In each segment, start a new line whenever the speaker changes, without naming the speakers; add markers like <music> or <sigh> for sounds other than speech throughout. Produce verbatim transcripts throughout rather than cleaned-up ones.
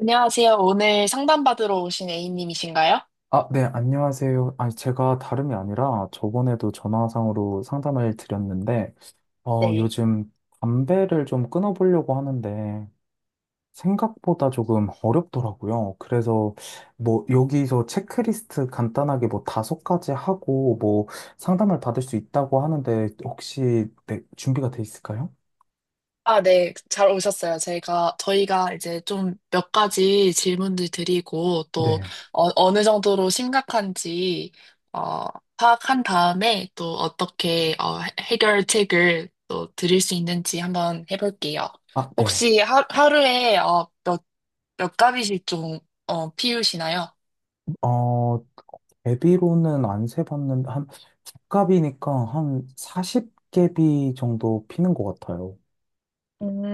안녕하세요. 오늘 상담받으러 오신 A님이신가요?
아, 네, 안녕하세요. 아니, 제가 다름이 아니라 저번에도 전화상으로 상담을 드렸는데, 어,
네.
요즘 담배를 좀 끊어보려고 하는데, 생각보다 조금 어렵더라고요. 그래서 뭐 여기서 체크리스트 간단하게 뭐 다섯 가지 하고 뭐 상담을 받을 수 있다고 하는데, 혹시 네, 준비가 돼 있을까요?
아, 네. 잘 오셨어요. 제가, 저희가 이제 좀 몇 가지 질문들 드리고 또
네.
어, 느 정도로 심각한지 어, 파악한 다음에 또 어떻게 어, 해- 해결책을 또 드릴 수 있는지 한번 해볼게요.
아, 네.
혹시 하, 하루에 어, 몇, 몇 가지씩 좀 어, 피우시나요?
어, 제비로는 안 세봤는데, 한, 두갑이니까 한 사십 개비 정도 피는 것 같아요.
음,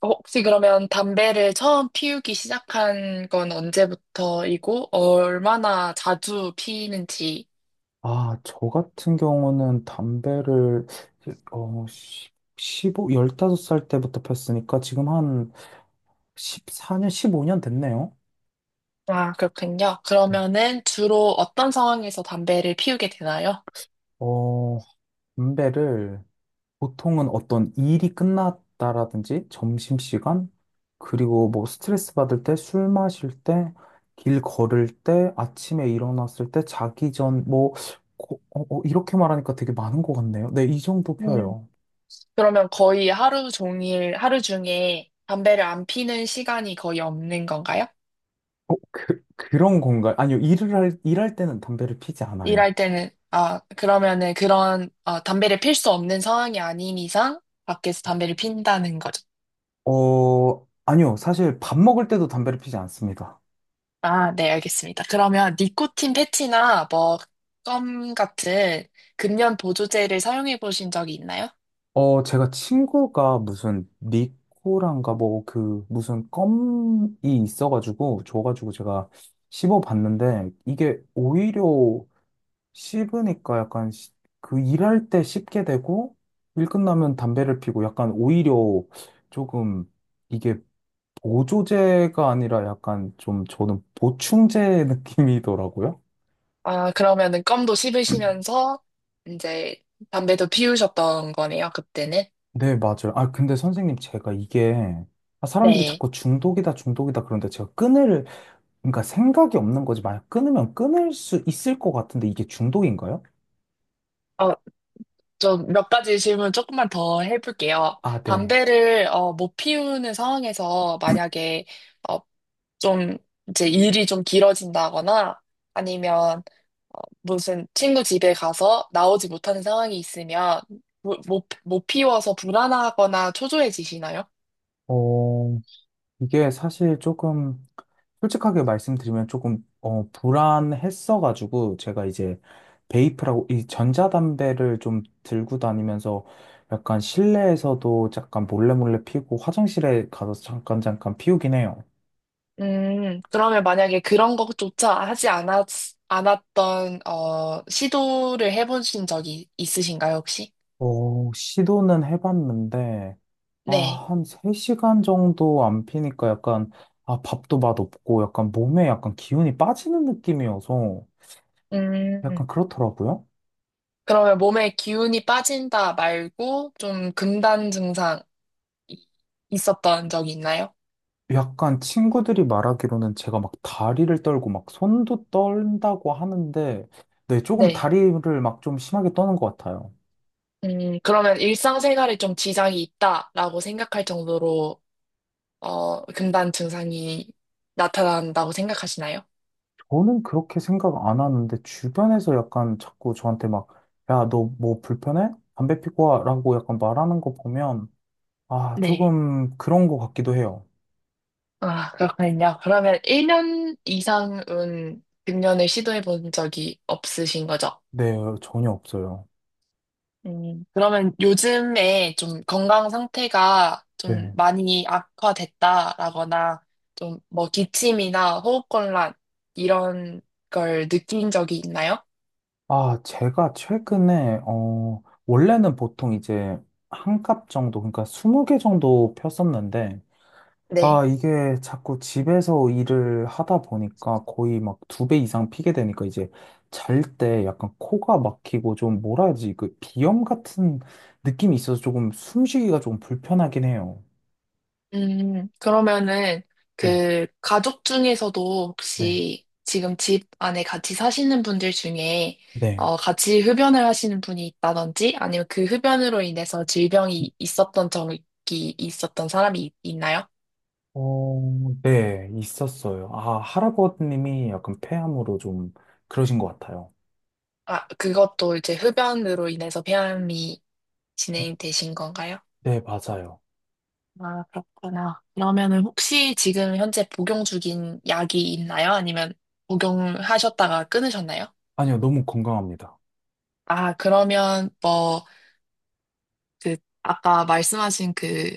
어, 혹시 그러면 담배를 처음 피우기 시작한 건 언제부터이고, 얼마나 자주 피는지.
아, 저 같은 경우는 담배를, 어, 열다섯, 다섯 살 때부터 폈으니까 지금 한 십사 년, 십오 년 됐네요.
아, 그렇군요.
네.
그러면은 주로 어떤 상황에서 담배를 피우게 되나요?
어, 담배를 보통은 어떤 일이 끝났다라든지 점심시간, 그리고 뭐 스트레스 받을 때, 술 마실 때, 길 걸을 때, 아침에 일어났을 때, 자기 전, 뭐, 고- 어, 어, 이렇게 말하니까 되게 많은 것 같네요. 네, 이 정도
음,
펴요.
그러면 거의 하루 종일, 하루 중에 담배를 안 피는 시간이 거의 없는 건가요?
어, 그, 그런 건가요? 아니요, 일을 할, 일할 때는 담배를 피지 않아요.
일할 때는, 아, 그러면은 그런, 어, 담배를 필 수 없는 상황이 아닌 이상 밖에서 담배를 핀다는 거죠.
어, 아니요, 사실 밥 먹을 때도 담배를 피지 않습니다.
아, 네, 알겠습니다. 그러면 니코틴 패치나 뭐, 껌 같은 금연 보조제를 사용해 보신 적이 있나요?
어, 제가 친구가 무슨 니코란가 뭐 그 무슨 껌이 있어가지고 줘가지고 제가 씹어봤는데 이게 오히려 씹으니까 약간 시- 그 일할 때 씹게 되고 일 끝나면 담배를 피고 약간 오히려 조금 이게 보조제가 아니라 약간 좀 저는 보충제 <laughs> 느낌이더라고요.
아, 그러면은 껌도 씹으시면서 이제 담배도 피우셨던 거네요, 그때는.
네, 맞아요. 아, 근데 선생님 제가 이게 아, 사람들이
네.
자꾸 중독이다, 중독이다. 그런데 제가 끊을 그러니까 생각이 없는 거지. 만약 끊으면 끊을 수 있을 것 같은데 이게 중독인가요?
어, 좀 몇 가지 질문 조금만 더 해볼게요.
아, 네.
담배를 어, 못 피우는 상황에서 만약에 어, 좀 이제 일이 좀 길어진다거나 아니면 무슨 친구 집에 가서 나오지 못하는 상황이 있으면 모- 못, 못 피워서 불안하거나 초조해지시나요?
어, 이게 사실 조금 솔직하게 말씀드리면 조금 어, 불안했어가지고 제가 이제 베이프라고 이 전자담배를 좀 들고 다니면서 약간 실내에서도 잠깐 몰래 몰래 피우고 화장실에 가서 잠깐 잠깐 피우긴 해요.
음, 그러면 만약에 그런 것조차 하지 않았, 않았던, 어, 시도를 해보신 적이 있으신가요, 혹시?
어, 시도는 해봤는데, 아,
네.
한 세 시간 정도 안 피니까 약간, 아, 밥도 맛없고, 약간 몸에 약간 기운이 빠지는 느낌이어서,
음,
약간 그렇더라고요.
그러면 몸에 기운이 빠진다 말고 좀 금단 증상 이- 있었던 적이 있나요?
약간 친구들이 말하기로는 제가 막 다리를 떨고 막 손도 떨다고 하는데, 네, 조금
네.
다리를 막 좀 심하게 떠는 것 같아요.
음, 그러면 일상생활에 좀 지장이 있다라고 생각할 정도로 어, 금단 증상이 나타난다고 생각하시나요?
저는 그렇게 생각 안 하는데, 주변에서 약간 자꾸 저한테 막, 야, 너 뭐 불편해? 담배 피고 와? 라고 약간 말하는 거 보면, 아,
네.
조금 그런 것 같기도 해요.
아, 그렇군요. 그러면 일 년 이상은 금연을 시도해 본 적이 없으신 거죠?
네, 전혀 없어요.
음, 그러면 요즘에 좀 건강 상태가 좀
네.
많이 악화됐다라거나 좀 뭐 기침이나 호흡곤란 이런 걸 느낀 적이 있나요?
아, 제가 최근에, 어, 원래는 보통 이제 한 값 정도, 그러니까 스무 개 정도 폈었는데, 아,
네.
이게 자꾸 집에서 일을 하다 보니까 거의 막 두 배 이상 피게 되니까 이제 잘 때 약간 코가 막히고 좀 뭐라 하지, 그 비염 같은 느낌이 있어서 조금 숨쉬기가 조금 불편하긴 해요.
음, 그러면은
네,
그 가족 중에서도
네,
혹시 지금 집 안에 같이 사시는 분들 중에
네.
어, 같이 흡연을 하시는 분이 있다든지 아니면 그 흡연으로 인해서 질병이 있었던 적이 있었던 사람이 있- 있나요?
어, 네, 있었어요. 아, 할아버님이 약간 폐암으로 좀 그러신 것 같아요.
아, 그것도 이제 흡연으로 인해서 폐암이 진행되신 건가요?
네, 맞아요.
아, 그렇구나. 그러면은 혹시 지금 현재 복용 중인 약이 있나요? 아니면 복용하셨다가 끊으셨나요?
아니요, 너무 건강합니다.
아, 그러면 뭐 그 아까 말씀하신 그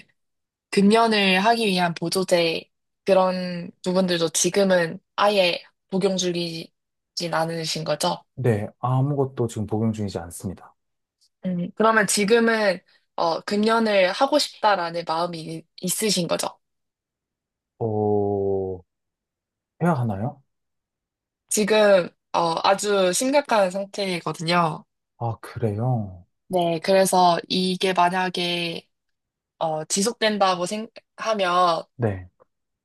금연을 하기 위한 보조제 그런 부분들도 지금은 아예 복용 중이진 않으신 거죠?
네, 아무것도 지금 복용 중이지 않습니다.
음, 그러면 지금은 어, 금연을 하고 싶다라는 마음이 이- 있으신 거죠?
어, 해야 하나요?
지금 어, 아주 심각한 상태거든요.
아, 그래요?
네, 그래서 이게 만약에 어, 지속된다고 생각하면
네.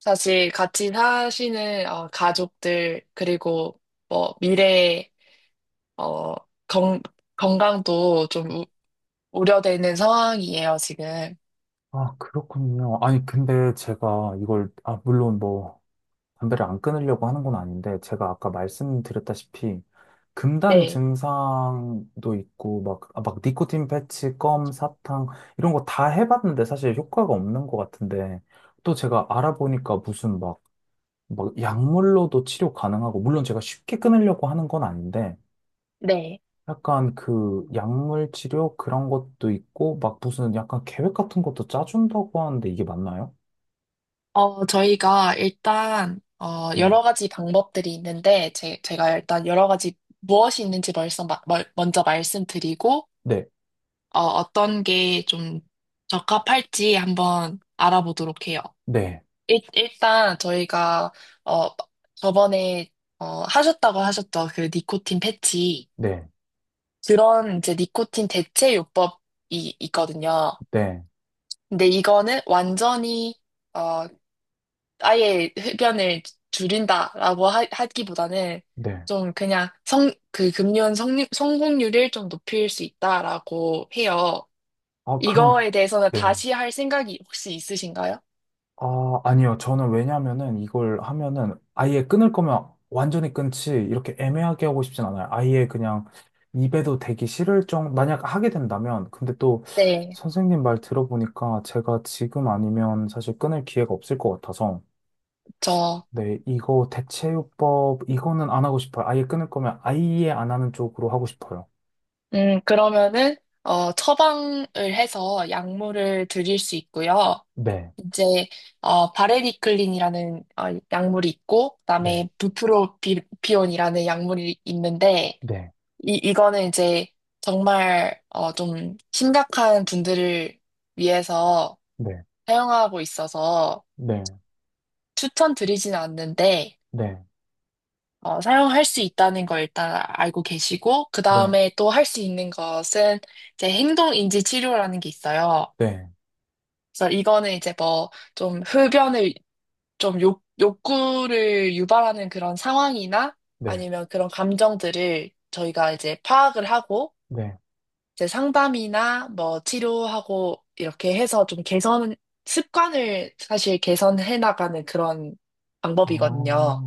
사실 같이 사시는 어, 가족들 그리고 뭐 미래에 어, 건, 건강도 좀 우, 우려되는 상황이에요, 지금.
아, 그렇군요. 아니, 근데 제가 이걸, 아, 물론 뭐, 담배를 안 끊으려고 하는 건 아닌데, 제가 아까 말씀드렸다시피, 금단
네,
증상도 있고, 막, 아, 막, 니코틴 패치, 껌, 사탕, 이런 거 다 해봤는데 사실 효과가 없는 것 같은데, 또 제가 알아보니까 무슨 막, 막, 약물로도 치료 가능하고, 물론 제가 쉽게 끊으려고 하는 건 아닌데,
네.
약간 그 약물 치료 그런 것도 있고, 막 무슨 약간 계획 같은 것도 짜준다고 하는데 이게 맞나요?
어, 저희가 일단, 어,
네.
여러 가지 방법들이 있는데, 제, 제가 일단 여러 가지 무엇이 있는지 벌써 마- 멀- 먼저 말씀드리고,
네.
어, 어떤 게 좀 적합할지 한번 알아보도록 해요.
네.
일, 일단 저희가, 어, 저번에, 어, 하셨다고 하셨죠. 그 니코틴 패치.
네.
그런 이제 니코틴 대체 요법이 있거든요.
네.
근데 이거는 완전히 어 아예 흡연을 줄인다라고 하, 하기보다는
네.
좀 그냥 성 그 금연 성 성공률을 좀 높일 수 있다라고 해요.
아, 그럼,
이거에 대해서는
네.
다시 할 생각이 혹시 있으신가요?
아, 아니요. 저는 왜냐면은 이걸 하면은 아예 끊을 거면 완전히 끊지, 이렇게 애매하게 하고 싶진 않아요. 아예 그냥 입에도 대기 싫을 정, 만약 하게 된다면. 근데 또
네,
선생님 말 들어보니까 제가 지금 아니면 사실 끊을 기회가 없을 것 같아서.
저,
네, 이거 대체요법, 이거는 안 하고 싶어요. 아예 끊을 거면 아예 안 하는 쪽으로 하고 싶어요.
음, 그러면은, 어, 처방을 해서 약물을 드릴 수 있고요.
네,
이제 어, 바레리클린이라는 어, 약물이 있고
네,
그다음에 부프로피온이라는 약물이 있는데
네,
이 이거는 이제 정말 어, 좀 심각한 분들을 위해서
네,
사용하고 있어서
네,
추천드리진 않는데
네,
어, 사용할 수 있다는 걸 일단 알고 계시고
네,
그다음에 또 할 수 있는 것은 이제 행동인지 치료라는 게 있어요.
네,
그래서 이거는 이제 뭐 좀 흡연을 좀 욕, 욕구를 유발하는 그런 상황이나
네.
아니면 그런 감정들을 저희가 이제 파악을 하고
네.
이제 상담이나 뭐 치료하고 이렇게 해서 좀 개선, 습관을 사실 개선해 나가는 그런
아,
방법이거든요.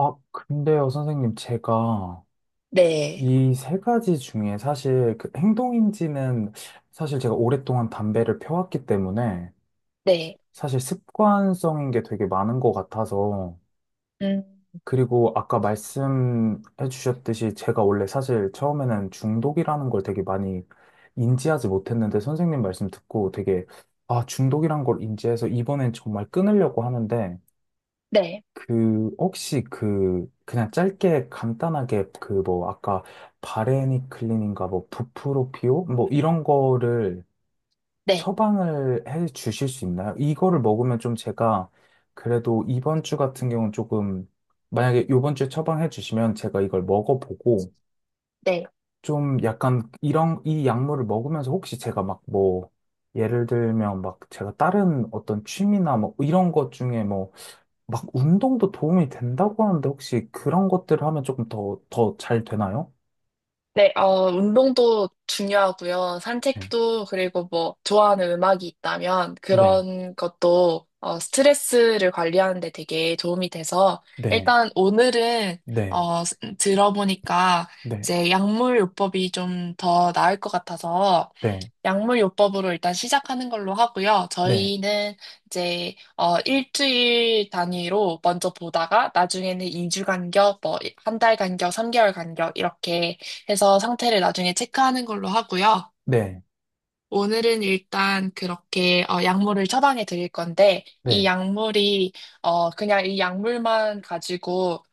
아, 근데요, 선생님, 제가
네,
이 세 가지 중에 사실 그 행동인지는 사실 제가 오랫동안 담배를 펴왔기 때문에
네,
사실 습관성인 게 되게 많은 것 같아서
음,
그리고 아까 말씀해 주셨듯이 제가 원래 사실 처음에는 중독이라는 걸 되게 많이 인지하지 못했는데 선생님 말씀 듣고 되게 아, 중독이란 걸 인지해서 이번엔 정말 끊으려고 하는데
네,
그, 혹시 그, 그냥 짧게 간단하게 그 뭐, 아까 바레니 클린인가 뭐, 부프로피오? 뭐, 이런 거를
네,
처방을 해 주실 수 있나요? 이거를 먹으면 좀 제가 그래도 이번 주 같은 경우는 조금, 만약에 이번 주에 처방해 주시면 제가 이걸 먹어보고
네.
좀 약간 이런, 이 약물을 먹으면서 혹시 제가 막 뭐, 예를 들면 막 제가 다른 어떤 취미나 뭐 이런 것 중에 뭐 막 운동도 도움이 된다고 하는데 혹시 그런 것들을 하면 조금 더, 더 잘 되나요?
네, 어, 운동도 중요하고요.
네,
산책도, 그리고 뭐, 좋아하는 음악이 있다면,
네,
그런 것도, 어, 스트레스를 관리하는 데 되게 도움이 돼서,
네,
일단 오늘은,
네,
어, 스- 들어보니까,
네,
이제 약물요법이 좀 더 나을 것 같아서,
네,
약물요법으로 일단 시작하는 걸로 하고요.
네,
저희는 이제 어 일주일 단위로 먼저 보다가 나중에는 이 주 간격, 뭐 한 달 간격, 삼 개월 간격 이렇게 해서 상태를 나중에 체크하는 걸로 하고요.
네,
오늘은 일단 그렇게 어, 약물을 처방해 드릴 건데 이
네,
약물이 어, 그냥 이 약물만 가지고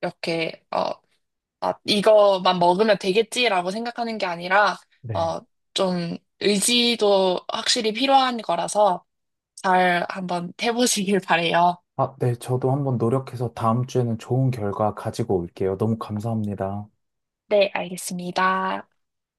이렇게 어, 아, 이거만 먹으면 되겠지라고 생각하는 게 아니라
네.
어, 좀 의지도 확실히 필요한 거라서 잘 한번 해보시길 바래요.
아, 네, 저도 한번 노력해서 다음 주에는 좋은 결과 가지고 올게요. 너무 감사합니다.
네, 알겠습니다.